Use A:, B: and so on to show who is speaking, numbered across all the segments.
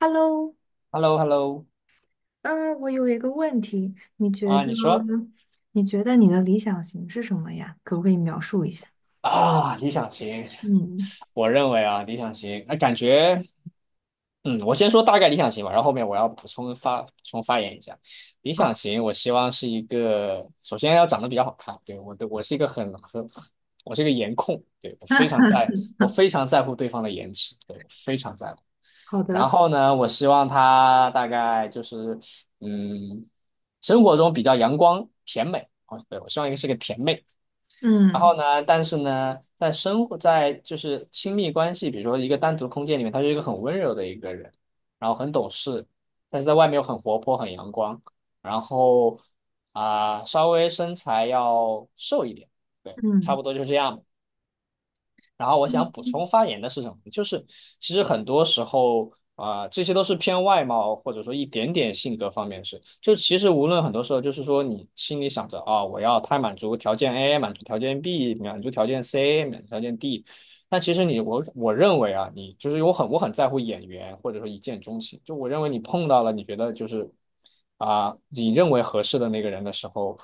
A: Hello,
B: Hello Hello。
A: 嗯，我有一个问题，你觉得
B: 啊，你说。
A: 你的理想型是什么呀？可不可以描述一下？
B: 啊，理想型。
A: 嗯，
B: 我认为啊，理想型，那感觉。嗯，我先说大概理想型吧，然后后面我要补充发言一下。理想
A: 好，
B: 型，我希望是一个，首先要长得比较好看。对，我是一个很，我是一个颜控。对，我非常 在，我非常在乎对方的颜值。对，我非常在乎。
A: 好
B: 然
A: 的，
B: 后呢，我希望他大概就是，嗯，生活中比较阳光甜美。哦，对，我希望一个是个甜妹。然后
A: 嗯
B: 呢，但是呢，在生活在就是亲密关系，比如说一个单独空间里面，他是一个很温柔的一个人，然后很懂事，但是在外面又很活泼、很阳光，然后稍微身材要瘦一点。对，差
A: 嗯，
B: 不多就是这样吧。然后我想补
A: 嗯，
B: 充发言的是什么？就是其实很多时候啊、这些都是偏外貌或者说一点点性格方面的事。就其实无论很多时候，就是说你心里想着啊、我要他满足条件 A，满足条件 B，满足条件 C，满足条件 D。但其实我认为啊，你就是我很在乎眼缘或者说一见钟情。就我认为你碰到了你觉得就是啊、你认为合适的那个人的时候，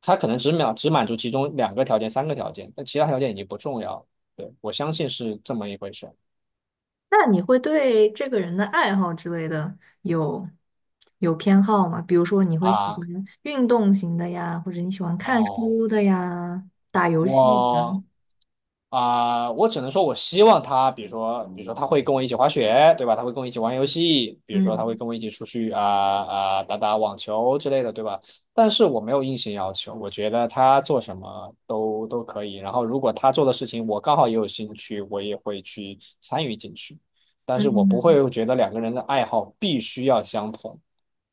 B: 他可能只满足其中两个条件、三个条件，但其他条件已经不重要了。对，我相信是这么一回事
A: 那你会对这个人的爱好之类的有偏好吗？比如说你会喜
B: 啊。
A: 欢运动型的呀，或者你喜欢看
B: 哦，
A: 书的呀，打游戏的，
B: 我我只能说，我希望他，比如说，比如说他会跟我一起滑雪，对吧？他会跟我一起玩游戏，比如说他会
A: 嗯
B: 跟我一起出去打打网球之类的，对吧？但是我没有硬性要求，我觉得他做什么都可以。然后如果他做的事情我刚好也有兴趣，我也会去参与进去。但是我不
A: 嗯
B: 会觉得两个人的爱好必须要相同。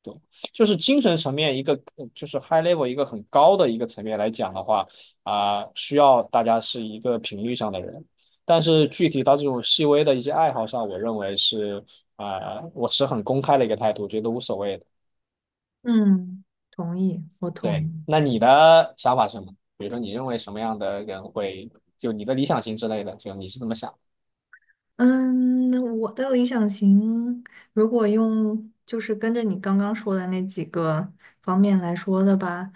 B: 对，就是精神层面一个，就是 high level 一个很高的一个层面来讲的话，需要大家是一个频率上的人。但是具体到这种细微的一些爱好上，我认为是啊、我持很公开的一个态度，觉得无所谓的。
A: 嗯，同意，我同
B: 对，
A: 意。
B: 那你的想法是什么？比如说，你认为什么样的人会，就你的理想型之类的，就你是怎么想？
A: 嗯，我的理想型，如果用就是跟着你刚刚说的那几个方面来说的吧，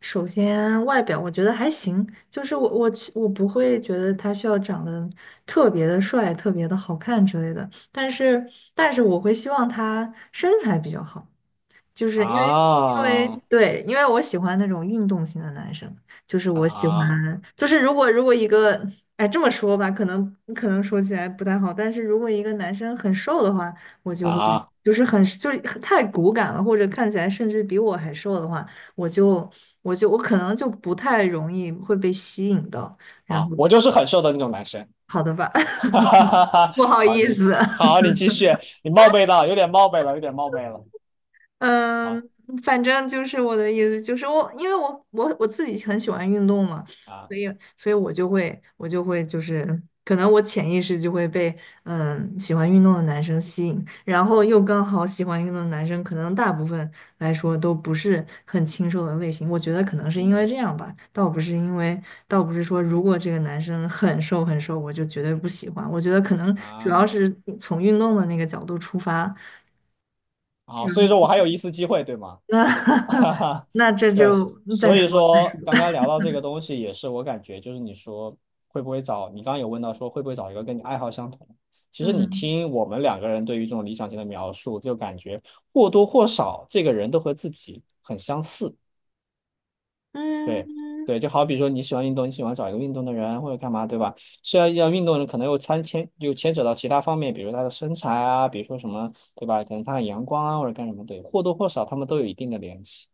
A: 首先外表我觉得还行，就是我不会觉得他需要长得特别的帅、特别的好看之类的，但是我会希望他身材比较好。就是因为因为
B: 啊
A: 对，因为我喜欢那种运动型的男生，就是我喜
B: 啊
A: 欢，就是如果一个，哎，这么说吧，可能说起来不太好，但是如果一个男生很瘦的话，我就会
B: 啊！
A: 就是很就是太骨感了，或者看起来甚至比我还瘦的话，我就我就我可能就不太容易会被吸引到，
B: 啊，我就是很瘦的那种男生。
A: 好的吧，
B: 哈哈哈 哈，
A: 不好
B: 好，
A: 意
B: 你
A: 思。
B: 好，你继续。你冒昧了，有点冒昧了，有点冒昧了。
A: 嗯，
B: 啊
A: 反正就是我的意思，就是我，因为我我自己很喜欢运动嘛，
B: 啊，
A: 所以我就会就是，可能我潜意识就会被喜欢运动的男生吸引，然后又刚好喜欢运动的男生，可能大部分来说都不是很清瘦的类型，我觉得可能是因为
B: 嗯
A: 这样吧，倒不是说如果这个男生很瘦很瘦，我就绝对不喜欢，我觉得可能主要
B: 啊，
A: 是从运动的那个角度出发。
B: 好，所以说我还有一丝机会，对吗？
A: 那
B: 哈哈。
A: 那这
B: 对，
A: 就再
B: 所以
A: 说。
B: 说刚刚聊到这个东西，也是我感觉就是你说会不会找，你刚刚有问到说会不会找一个跟你爱好相同。其实你
A: 嗯
B: 听我们两个人对于这种理想型的描述，就感觉或多或少这个人都和自己很相似。对
A: 嗯，
B: 对，就好比说你喜欢运动，你喜欢找一个运动的人或者干嘛，对吧？虽然要运动的人，可能又牵扯到其他方面，比如他的身材啊，比如说什么，对吧？可能他很阳光啊，或者干什么，对，或多或少他们都有一定的联系。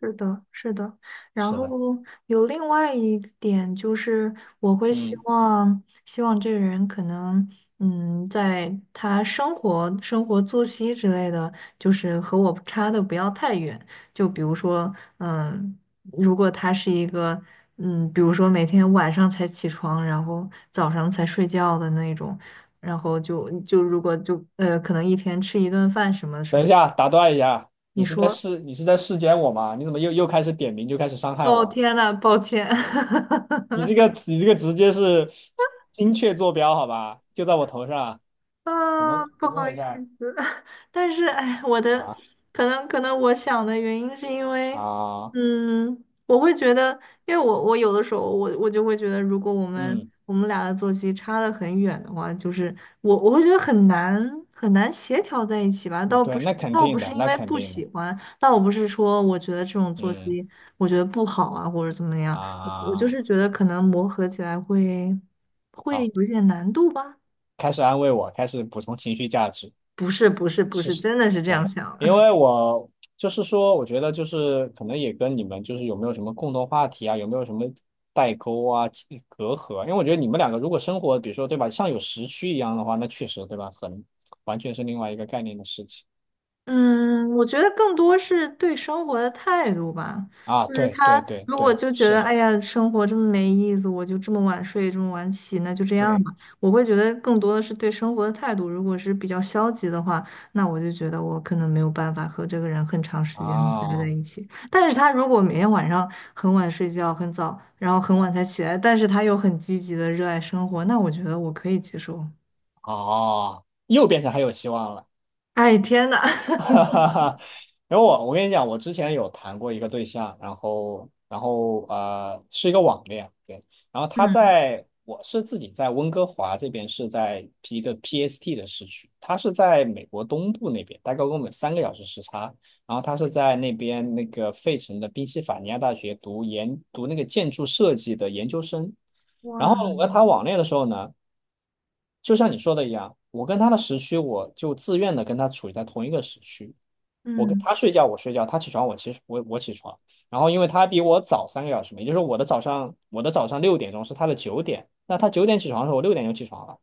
A: 是的，是的。然
B: 是
A: 后
B: 的。
A: 有另外一点就是，我会
B: 嗯，
A: 希望这个人可能，嗯，在他生活、生活作息之类的，就是和我差的不要太远。就比如说，嗯，如果他是一个，嗯，比如说每天晚上才起床，然后早上才睡觉的那种，然后就如果就可能一天吃一顿饭什么什
B: 等一
A: 么，
B: 下，打断一下，
A: 你
B: 你是在
A: 说，
B: 试你是在试检我吗？你怎么又开始点名就开始伤害
A: 哦，
B: 我？
A: 天呐，抱歉。
B: 你这个直接是精确坐标，好吧？就在我头上。怎
A: 啊，
B: 么
A: 不
B: 怎么
A: 好意
B: 回事儿
A: 思，但是哎，我的
B: 啊？
A: 可能我想的原因是因为，
B: 啊，
A: 嗯，我会觉得，因为我有的时候我就会觉得，如果
B: 嗯
A: 我们俩的作息差的很远的话，就是我会觉得很难很难协调在一起吧。
B: 嗯对，那肯
A: 倒不
B: 定
A: 是
B: 的，
A: 因
B: 那
A: 为
B: 肯
A: 不
B: 定的。
A: 喜欢，倒不是说我觉得这种作
B: 嗯
A: 息我觉得不好啊，或者怎么样，我就
B: 啊，
A: 是觉得可能磨合起来会
B: 好，
A: 有一点难度吧。
B: 开始安慰我，开始补充情绪价值。
A: 不是不是不
B: 其
A: 是，
B: 实，
A: 真的是这
B: 对，
A: 样想的。
B: 因 为我就是说，我觉得就是可能也跟你们就是有没有什么共同话题啊，有没有什么代沟啊、其隔阂啊？因为我觉得你们两个如果生活，比如说对吧，像有时区一样的话，那确实对吧，完全是另外一个概念的事情
A: 嗯，我觉得更多是对生活的态度吧。
B: 啊。
A: 就是
B: 对对
A: 他
B: 对
A: 如果
B: 对，
A: 就觉
B: 是
A: 得，
B: 的，
A: 哎呀，生活这么没意思，我就这么晚睡，这么晚起，那就这样
B: 对
A: 吧。我会觉得更多的是对生活的态度。如果是比较消极的话，那我就觉得我可能没有办法和这个人很长时间的待在
B: 啊。
A: 一起。但是他如果每天晚上很晚睡觉，很早，然后很晚才起来，但是他又很积极的热爱生活，那我觉得我可以接受。
B: 哦，又变成还有希望了。
A: 哎，天呐！
B: 哈哈哈。然后我跟你讲，我之前有谈过一个对象，然后是一个网恋。对，然后
A: 嗯。
B: 我是自己在温哥华这边是在一个 PST 的市区，他是在美国东部那边，大概跟我们三个小时时差。然后他是在那边那个费城的宾夕法尼亚大学读那个建筑设计的研究生。然
A: 哇，
B: 后我和他网恋的时候呢。就像你说的一样，我跟他的时区，我就自愿的跟他处于在同一个时区。我跟
A: 嗯
B: 他睡觉，我睡觉；他起床，我其实我我起床。然后因为他比我早三个小时嘛，也就是说我的早上六点钟是他的九点，那他九点起床的时候，我六点就起床了；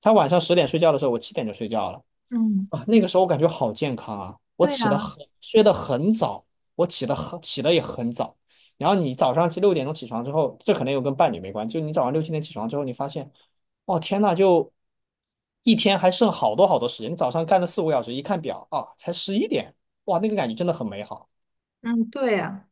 B: 他晚上10点睡觉的时候，我七点就睡觉了。
A: 嗯，
B: 啊，那个时候我感觉好健康啊！我
A: 对
B: 起得
A: 呀，
B: 很，睡得很早，我起得很，起得也很早。然后你早上六点钟起床之后，这可能又跟伴侣没关系。就你早上六七点起床之后，你发现，哦天呐，就一天还剩好多好多时间。你早上干了四五个小时，一看表啊，才11点。哇，那个感觉真的很美好。
A: 嗯对呀，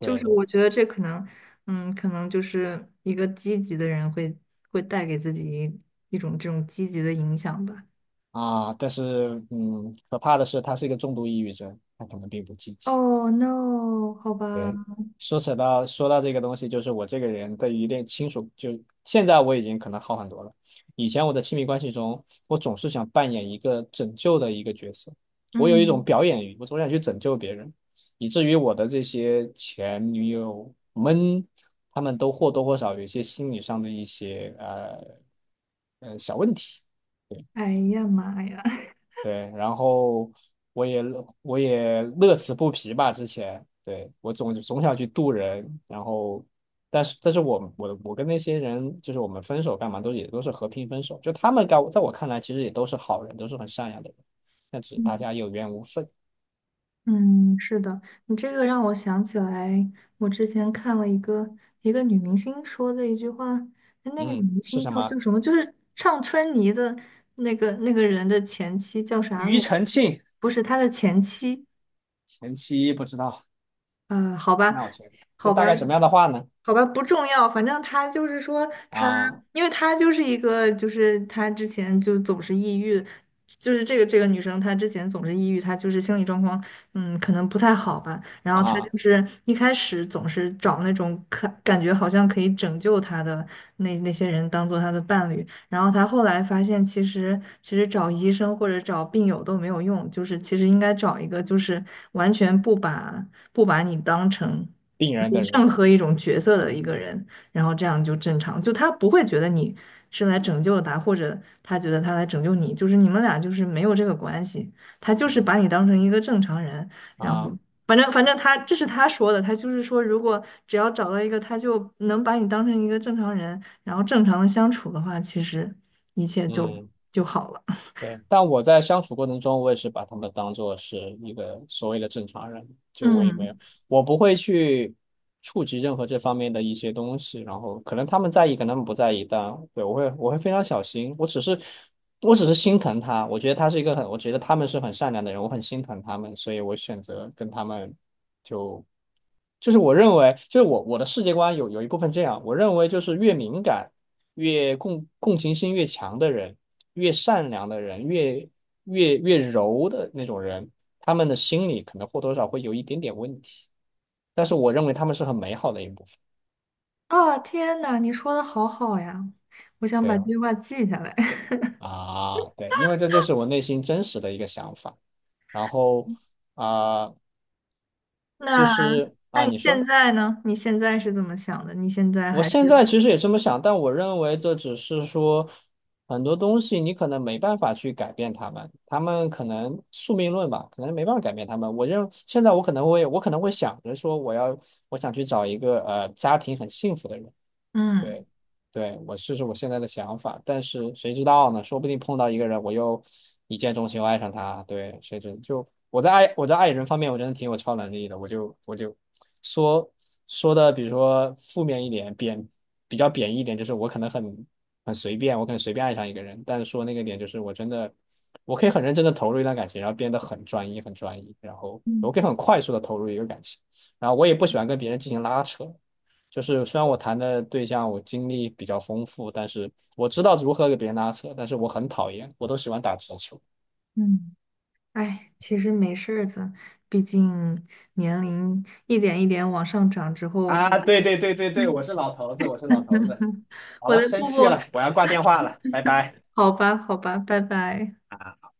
A: 就是
B: 对
A: 我觉得这可能，嗯，可能就是一个积极的人会带给自己一种这种积极的影响吧。
B: 啊，但是嗯，可怕的是他是一个重度抑郁症，他可能并不积极。
A: Oh no,好吧，
B: 对，说到这个东西，就是我这个人对于一定亲属，就现在我已经可能好很多了。以前我的亲密关系中，我总是想扮演一个拯救的一个角色，我有一种
A: 嗯，
B: 表演欲，我总想去拯救别人，以至于我的这些前女友们，她们都或多或少有一些心理上的一些小问题。对。
A: 哎呀妈呀，
B: 对，然后我也乐此不疲吧。之前对，我总想去渡人。然后但是我跟那些人就是我们分手干嘛都也都是和平分手。就他们在我看来其实也都是好人，都是很善良的人，但只是大家 有缘无分。
A: 嗯，是的，你这个让我想起来，我之前看了一个女明星说的一句话，那个女
B: 嗯，
A: 明
B: 是
A: 星
B: 什么？
A: 叫什么？就是唱春泥的那个人的前妻叫啥来
B: 庾
A: 着？
B: 澄庆。
A: 不是他的前妻，
B: 前妻不知道，
A: 呃，好吧，
B: 那我先。这
A: 好
B: 大
A: 吧，
B: 概什么样的话呢？
A: 好吧，不重要，反正他就是说他，
B: 啊
A: 因为他就是一个，就是他之前就总是抑郁，就是这个女生她之前总是抑郁，她就是心理状况，嗯，可能不太好吧。然后她
B: 啊，
A: 就是一开始总是找那种可感觉好像可以拯救她的那些人当做她的伴侣，然后她后来发现其实找医生或者找病友都没有用，就是其实应该找一个就是完全不把你当成。
B: 病
A: 就
B: 人
A: 是
B: 的人，
A: 任何一种角色的一个人，然后这样就正常，就他不会觉得你是来拯救了他，或者他觉得他来拯救你，就是你们俩就是没有这个关系，他就是
B: 嗯
A: 把你当成一个正常人，然后
B: 啊
A: 反正他这是他说的，他就是说如果只要找到一个他就能把你当成一个正常人，然后正常的相处的话，其实一切
B: 嗯。
A: 就好了。
B: 对，但我在相处过程中，我也是把他们当做是一个所谓的正常人。就我也没有，
A: 嗯，
B: 我不会去触及任何这方面的一些东西。然后可能他们在意，可能他们不在意，但对，我会非常小心。我只是心疼他，我觉得他是一个很，我觉得他们是很善良的人，我很心疼他们。所以我选择跟他们就是我认为，就是我的世界观有一部分这样。我认为就是越敏感、越共情心越强的人。越善良的人，越柔的那种人，他们的心理可能或多少会有一点点问题，但是我认为他们是很美好的一部分。
A: 啊，天呐，你说的好好呀，我想
B: 对
A: 把这
B: 啊。
A: 句话记下来。
B: 啊，对，因为这就是我内心真实的一个想法。然后啊、就
A: 那。
B: 是啊，你
A: 现
B: 说。
A: 在呢？你现在是怎么想的？你现在
B: 我
A: 还
B: 现
A: 是
B: 在其实也这么想，但我认为这只是说很多东西你可能没办法去改变他们，他们可能宿命论吧，可能没办法改变他们。现在我可能会想着说我想去找一个家庭很幸福的人。
A: 嗯
B: 对。对，我试试我现在的想法，但是谁知道呢？说不定碰到一个人，我又一见钟情，我爱上他。对，谁知就我在爱人方面，我真的挺有超能力的。我就说说的，比如说负面一点，比较贬义一点，就是我可能很随便，我可能随便爱上一个人。但是说那个点，就是我真的我可以很认真的投入一段感情，然后变得很专一，很专一，然后
A: 嗯
B: 我可以很快速的投入一个感情。然后我也不喜欢跟别人进行拉扯。就是虽然我谈的对象我经历比较丰富，但是我知道如何给别人拉扯，但是我很讨厌，我都喜欢打直球。
A: 嗯，哎，其实没事儿的，毕竟年龄一点一点往上涨之后，
B: 啊，对对对对
A: 我
B: 对，我是
A: 的
B: 老头子，我是老头子。好
A: 我
B: 了，
A: 的
B: 生
A: 步
B: 气了，
A: 步，
B: 我要挂电话了，拜拜。
A: 好吧，好吧，拜拜。
B: 啊！